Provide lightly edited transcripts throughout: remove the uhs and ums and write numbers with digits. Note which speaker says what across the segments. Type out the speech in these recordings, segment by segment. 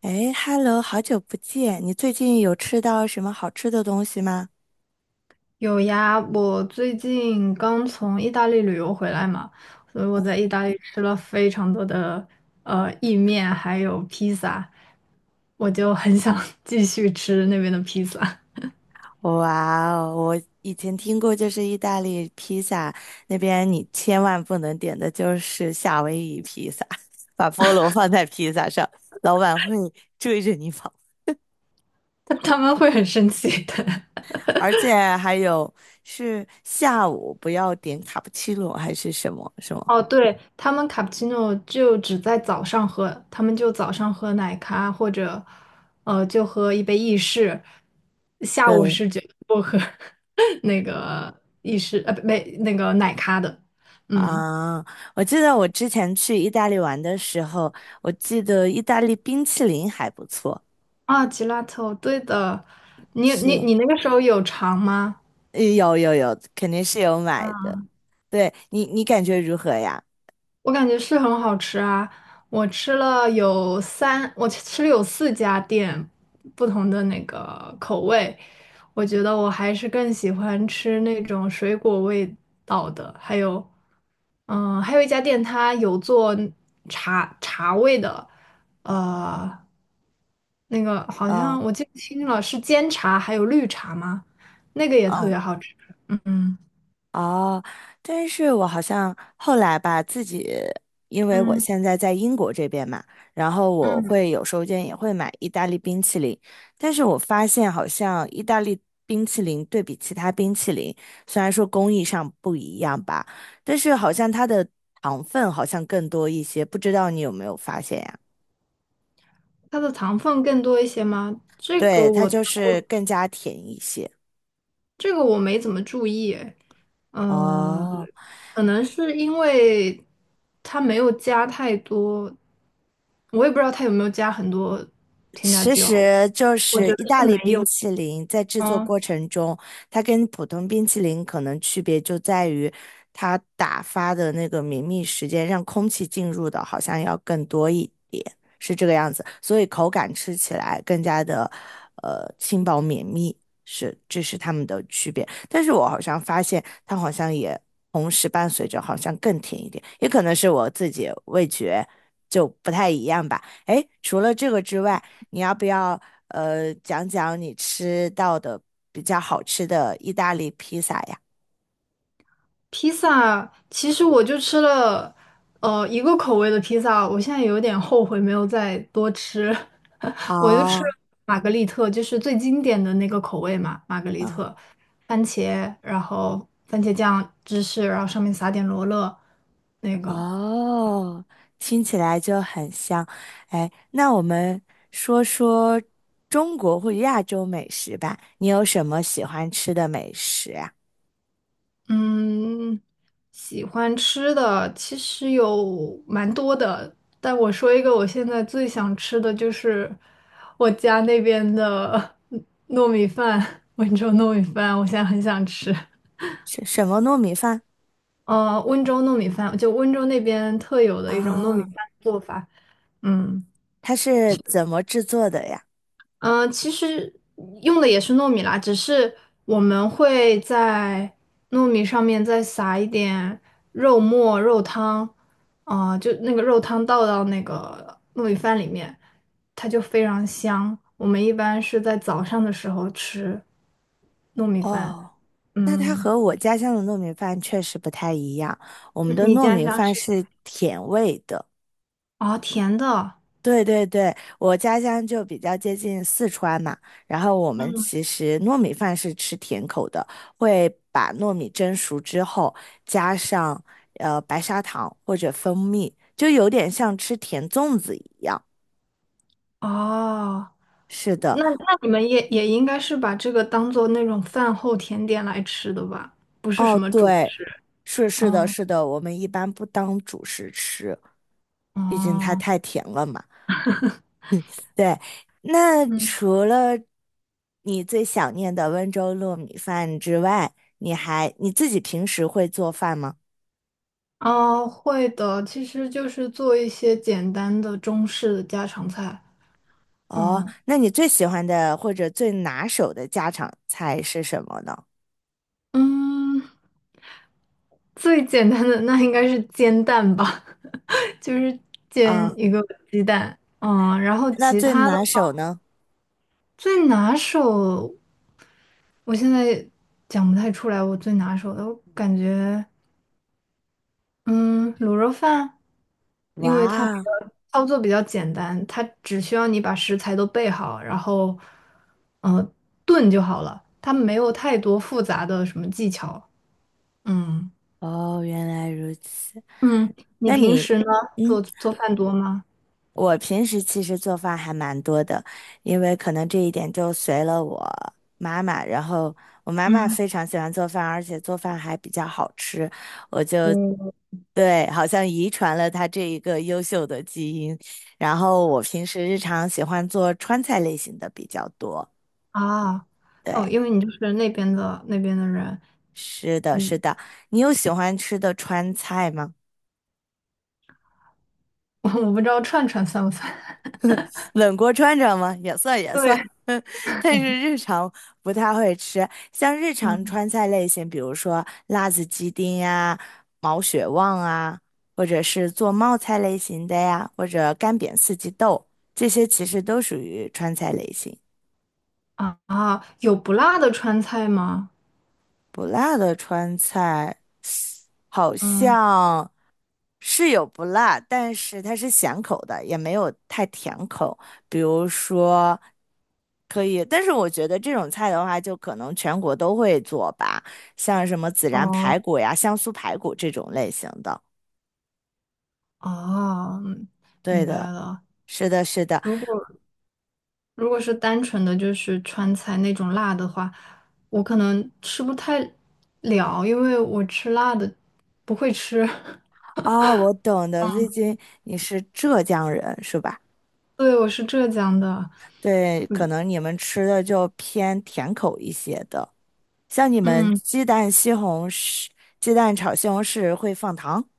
Speaker 1: 哎，Hello，好久不见！你最近有吃到什么好吃的东西吗？
Speaker 2: 有呀，我最近刚从意大利旅游回来嘛，所以我在意大利吃了非常多的意面，还有披萨，我就很想 继续吃那边的披萨，
Speaker 1: 哇哦，我以前听过，就是意大利披萨那边你千万不能点的就是夏威夷披萨，把菠萝放在披萨上，老板会追着你跑。
Speaker 2: 但他们会很生气的。
Speaker 1: 而且还有是下午不要点卡布奇诺还是什么什 么？
Speaker 2: 哦，对，他们卡布奇诺就只在早上喝，他们就早上喝奶咖或者就喝一杯意式，下午
Speaker 1: 对
Speaker 2: 是绝对不喝 那个意式呃不没那个奶咖的，嗯。
Speaker 1: 啊，我记得我之前去意大利玩的时候，我记得意大利冰淇淋还不错。
Speaker 2: 啊，吉拉头，对的，你
Speaker 1: 是，
Speaker 2: 你你那个时候有尝吗？
Speaker 1: 有有有，肯定是有买的。对你，你感觉如何呀？
Speaker 2: 我感觉是很好吃啊！我吃了有四家店不同的那个口味，我觉得我还是更喜欢吃那种水果味道的。还有，嗯，还有一家店它有做茶味的，呃，那个好
Speaker 1: 嗯
Speaker 2: 像我记不清了，是煎茶还有绿茶吗？那个也特
Speaker 1: 嗯
Speaker 2: 别好吃。嗯，
Speaker 1: 哦，但是我好像后来吧，自己因为我
Speaker 2: 嗯，
Speaker 1: 现在在英国这边嘛，然后我
Speaker 2: 嗯。
Speaker 1: 会有时候间也会买意大利冰淇淋，但是我发现好像意大利冰淇淋对比其他冰淇淋，虽然说工艺上不一样吧，但是好像它的糖分好像更多一些，不知道你有没有发现呀？
Speaker 2: 它的糖分更多一些吗？这个
Speaker 1: 对，它
Speaker 2: 我
Speaker 1: 就是更加甜一些。
Speaker 2: 这个我没怎么注意诶呃，
Speaker 1: 哦，
Speaker 2: 可能是因为它没有加太多，我也不知道它有没有加很多添加
Speaker 1: 其
Speaker 2: 剂哦，
Speaker 1: 实就
Speaker 2: 我觉
Speaker 1: 是
Speaker 2: 得
Speaker 1: 意大
Speaker 2: 是
Speaker 1: 利
Speaker 2: 没
Speaker 1: 冰
Speaker 2: 有，
Speaker 1: 淇淋在制作过
Speaker 2: 嗯。
Speaker 1: 程中，它跟普通冰淇淋可能区别就在于，它打发的那个绵密时间，让空气进入的好像要更多一点，是这个样子，所以口感吃起来更加的轻薄绵密，是这是它们的区别。但是我好像发现它好像也同时伴随着好像更甜一点，也可能是我自己味觉就不太一样吧。哎，诶除了这个之外。你要不要讲讲你吃到的比较好吃的意大利披萨呀？
Speaker 2: 披萨，其实我就吃了，一个口味的披萨，我现在有点后悔没有再多吃，我就吃了
Speaker 1: 哦，
Speaker 2: 玛格丽特，就是最经典的那个口味嘛。玛格丽
Speaker 1: 嗯，
Speaker 2: 特，番茄，然后番茄酱、芝士，然后上面撒点罗勒，那个。
Speaker 1: 哦，听起来就很香。哎，那我们说说中国或者亚洲美食吧。你有什么喜欢吃的美食呀？
Speaker 2: 嗯，喜欢吃的其实有蛮多的，但我说一个，我现在最想吃的就是我家那边的 糯米饭。温州糯米饭，我现在很想吃。
Speaker 1: 是什么糯米饭？
Speaker 2: 温州糯米饭，就温州那边特有的一种糯米
Speaker 1: 哦，
Speaker 2: 饭做法。嗯。
Speaker 1: 它是怎么制作的呀？
Speaker 2: 其实用的也是糯米啦，只是我们会在糯米上面再撒一点肉末、肉汤，啊、就那个肉汤倒到那个糯米饭里面，它就非常香。我们一般是在早上的时候吃糯米饭。
Speaker 1: 哦，那它
Speaker 2: 嗯，
Speaker 1: 和我家乡的糯米饭确实不太一样。我们
Speaker 2: 你
Speaker 1: 的
Speaker 2: 你
Speaker 1: 糯
Speaker 2: 家
Speaker 1: 米
Speaker 2: 乡
Speaker 1: 饭
Speaker 2: 是
Speaker 1: 是甜味的，
Speaker 2: 哦，甜的。
Speaker 1: 对对对，我家乡就比较接近四川嘛，然后我们其实糯米饭是吃甜口的，会把糯米蒸熟之后加上白砂糖或者蜂蜜，就有点像吃甜粽子一样。
Speaker 2: 哦，
Speaker 1: 是的，
Speaker 2: 那你们也应该是把这个当做那种饭后甜点来吃的吧？不是什
Speaker 1: 哦，
Speaker 2: 么。主。
Speaker 1: 对，是是的，是
Speaker 2: 嗯，
Speaker 1: 的，我们一般不当主食吃，毕竟它
Speaker 2: 哦，
Speaker 1: 太甜了嘛。对，那
Speaker 2: 嗯。
Speaker 1: 除了你最想念的温州糯米饭之外，你还你自己平时会做饭吗？
Speaker 2: 啊，会的，其实就是做一些简单的中式的家常菜。
Speaker 1: 哦，
Speaker 2: 嗯，
Speaker 1: 那你最喜欢的或者最拿手的家常菜是什么呢？
Speaker 2: 嗯，最简单的那应该是煎蛋吧，就是煎
Speaker 1: 啊，
Speaker 2: 一个鸡蛋。嗯，然后
Speaker 1: 那
Speaker 2: 其
Speaker 1: 最
Speaker 2: 他的
Speaker 1: 拿手呢？
Speaker 2: 最拿手，我现在讲不太出来我最拿手的，我感觉。嗯，卤肉饭，因为它比
Speaker 1: 哇，
Speaker 2: 较操作比较简单，它只需要你把食材都备好，然后，呃，炖就好了，它没有太多复杂的什么技巧。嗯，
Speaker 1: 哦，原来如此。
Speaker 2: 嗯，你
Speaker 1: 那
Speaker 2: 平
Speaker 1: 你，
Speaker 2: 时呢
Speaker 1: 嗯，
Speaker 2: 做做饭多吗？
Speaker 1: 我平时其实做饭还蛮多的，因为可能这一点就随了我妈妈。然后我妈妈
Speaker 2: 嗯，
Speaker 1: 非常喜欢做饭，而且做饭还比较好吃，我就
Speaker 2: 嗯，
Speaker 1: 对，好像遗传了她这一个优秀的基因。然后我平时日常喜欢做川菜类型的比较多。
Speaker 2: 啊，
Speaker 1: 对，
Speaker 2: 哦，因为你就是那边的人。
Speaker 1: 是的，是
Speaker 2: 嗯，
Speaker 1: 的。你有喜欢吃的川菜吗？
Speaker 2: 我不知道串串算不算。
Speaker 1: 冷锅穿着吗？也算也算，
Speaker 2: 对，
Speaker 1: 但是日常不太会吃。像日常
Speaker 2: 嗯，
Speaker 1: 川菜类型，比如说辣子鸡丁呀、毛血旺啊，或者是做冒菜类型的呀，或者干煸四季豆，这些其实都属于川菜类型。
Speaker 2: 啊，啊，有不辣的川菜吗？
Speaker 1: 不辣的川菜好
Speaker 2: 嗯，
Speaker 1: 像是有不辣，但是它是咸口的，也没有太甜口。比如说。可以，但是我觉得这种菜的话，就可能全国都会做吧，像什么孜然排
Speaker 2: 哦。
Speaker 1: 骨呀、香酥排骨这种类型的。
Speaker 2: 哦，嗯，
Speaker 1: 对
Speaker 2: 明白
Speaker 1: 的，
Speaker 2: 了。
Speaker 1: 是的，是的。
Speaker 2: 如果如果是单纯的就是川菜那种辣的话，我可能吃不太了，因为我吃辣的不会吃。
Speaker 1: 啊，我懂的，魏军，你是浙江人是吧？
Speaker 2: 对，我是浙江的，
Speaker 1: 对，可
Speaker 2: 嗯，
Speaker 1: 能你们吃的就偏甜口一些的，像你们
Speaker 2: 嗯，
Speaker 1: 鸡蛋西红柿、鸡蛋炒西红柿会放糖。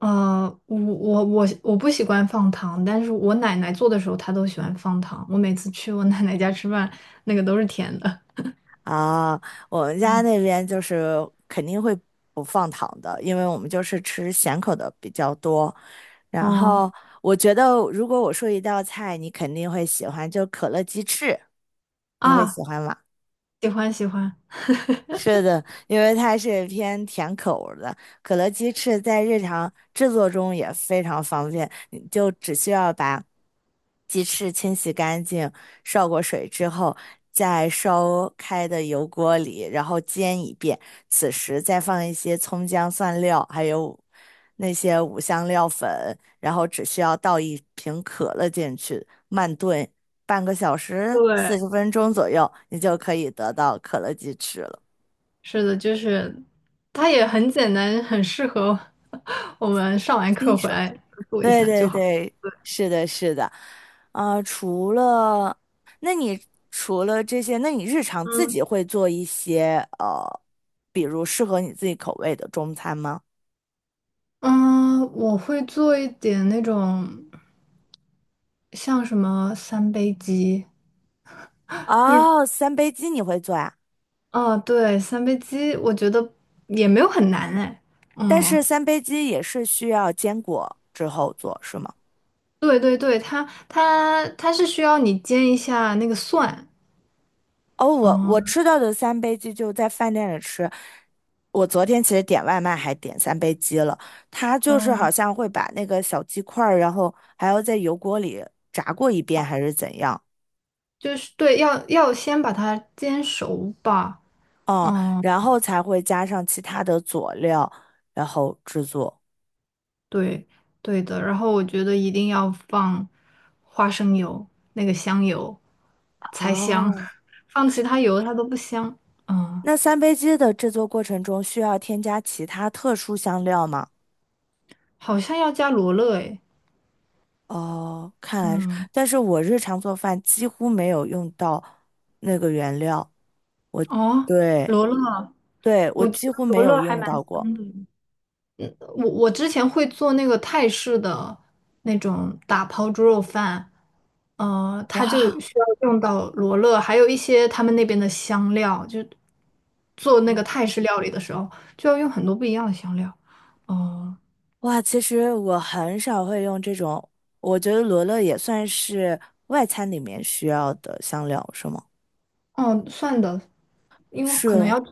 Speaker 2: 我不喜欢放糖，但是我奶奶做的时候她都喜欢放糖。我每次去我奶奶家吃饭，那个都是甜的。
Speaker 1: 啊，我们家
Speaker 2: 嗯，
Speaker 1: 那边就是肯定会不放糖的，因为我们就是吃咸口的比较多。然
Speaker 2: 哦，
Speaker 1: 后我觉得，如果我说一道菜，你肯定会喜欢，就可乐鸡翅，你会喜
Speaker 2: 啊，
Speaker 1: 欢吗？
Speaker 2: 喜欢喜欢。
Speaker 1: 是的，因为它是偏甜口儿的，可乐鸡翅在日常制作中也非常方便，你就只需要把鸡翅清洗干净，烧过水之后，在烧开的油锅里，然后煎一遍，此时再放一些葱姜蒜料，还有那些五香料粉，然后只需要倒一瓶可乐进去，慢炖半个小时，
Speaker 2: 对，
Speaker 1: 40分钟左右，你就可以得到可乐鸡翅了。
Speaker 2: 是的，就是它也很简单，很适合 我们上完课
Speaker 1: 新
Speaker 2: 回
Speaker 1: 手，
Speaker 2: 来做一
Speaker 1: 对
Speaker 2: 下就
Speaker 1: 对
Speaker 2: 好。
Speaker 1: 对，是的，是的，啊、除了，那你除了这些，那你日常自
Speaker 2: 嗯，
Speaker 1: 己会做一些，比如适合你自己口味的中餐吗？
Speaker 2: 嗯，我会做一点那种像什么三杯鸡。那
Speaker 1: 哦，三杯鸡你会做呀？
Speaker 2: 啊，对，三杯鸡，我觉得也没有很难哎。
Speaker 1: 但
Speaker 2: 嗯，
Speaker 1: 是三杯鸡也是需要坚果之后做，是吗？
Speaker 2: 对对对，它是需要你煎一下那个蒜。
Speaker 1: 哦，我我
Speaker 2: 嗯，
Speaker 1: 吃到的三杯鸡就在饭店里吃。我昨天其实点外卖还点三杯鸡了，它就是好
Speaker 2: 嗯，
Speaker 1: 像会把那个小鸡块儿，然后还要在油锅里炸过一遍还是怎样，
Speaker 2: 就是对，要先把它煎熟吧。
Speaker 1: 嗯，
Speaker 2: 嗯。
Speaker 1: 然后才会加上其他的佐料，然后制作。
Speaker 2: 对，对的。然后我觉得一定要放花生油，那个香油才香，
Speaker 1: 哦，
Speaker 2: 放其他油它都不香。嗯，
Speaker 1: 那三杯鸡的制作过程中需要添加其他特殊香料吗？
Speaker 2: 好像要加罗勒诶。
Speaker 1: 哦，看来是，
Speaker 2: 嗯，
Speaker 1: 但是我日常做饭几乎没有用到那个原料。
Speaker 2: 哦，
Speaker 1: 对。
Speaker 2: 罗勒，
Speaker 1: 对，我
Speaker 2: 我觉
Speaker 1: 几
Speaker 2: 得
Speaker 1: 乎
Speaker 2: 罗
Speaker 1: 没
Speaker 2: 勒
Speaker 1: 有
Speaker 2: 还
Speaker 1: 用
Speaker 2: 蛮
Speaker 1: 到过。
Speaker 2: 香的。我之前会做那个泰式的那种打抛猪肉饭，它就
Speaker 1: 哇
Speaker 2: 需要用到罗勒，还有一些他们那边的香料，就做那个
Speaker 1: 嗯
Speaker 2: 泰式料理的时候就要用很多不一样的香料。哦、
Speaker 1: 哇，其实我很少会用这种，我觉得罗勒也算是外餐里面需要的香料，是吗？
Speaker 2: 哦，算的，因为可能
Speaker 1: 是，
Speaker 2: 要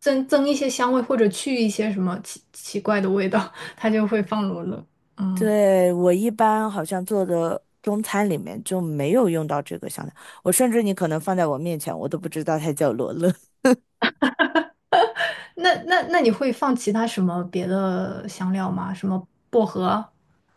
Speaker 2: 增一些香味或者去一些什么奇奇怪的味道，它就会放罗勒。嗯，
Speaker 1: 对，我一般好像做的中餐里面就没有用到这个香料，我甚至你可能放在我面前，我都不知道它叫罗勒。
Speaker 2: 那你会放其他什么别的香料吗？什么薄荷？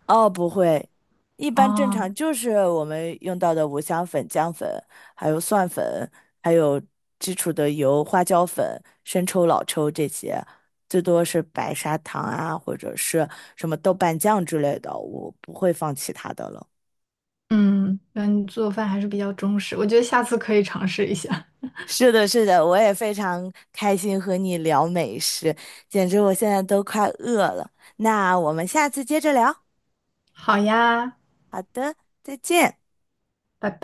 Speaker 1: 哦，不会，一般正
Speaker 2: 啊？
Speaker 1: 常就是我们用到的五香粉、姜粉，还有蒜粉，还有基础的油、花椒粉、生抽、老抽这些，最多是白砂糖啊，或者是什么豆瓣酱之类的，我不会放其他的了。
Speaker 2: 嗯，那你做饭还是比较中式，我觉得下次可以尝试一下。
Speaker 1: 是的，是的，我也非常开心和你聊美食，简直我现在都快饿了。那我们下次接着聊。
Speaker 2: 好呀，
Speaker 1: 好的，再见。
Speaker 2: 拜拜。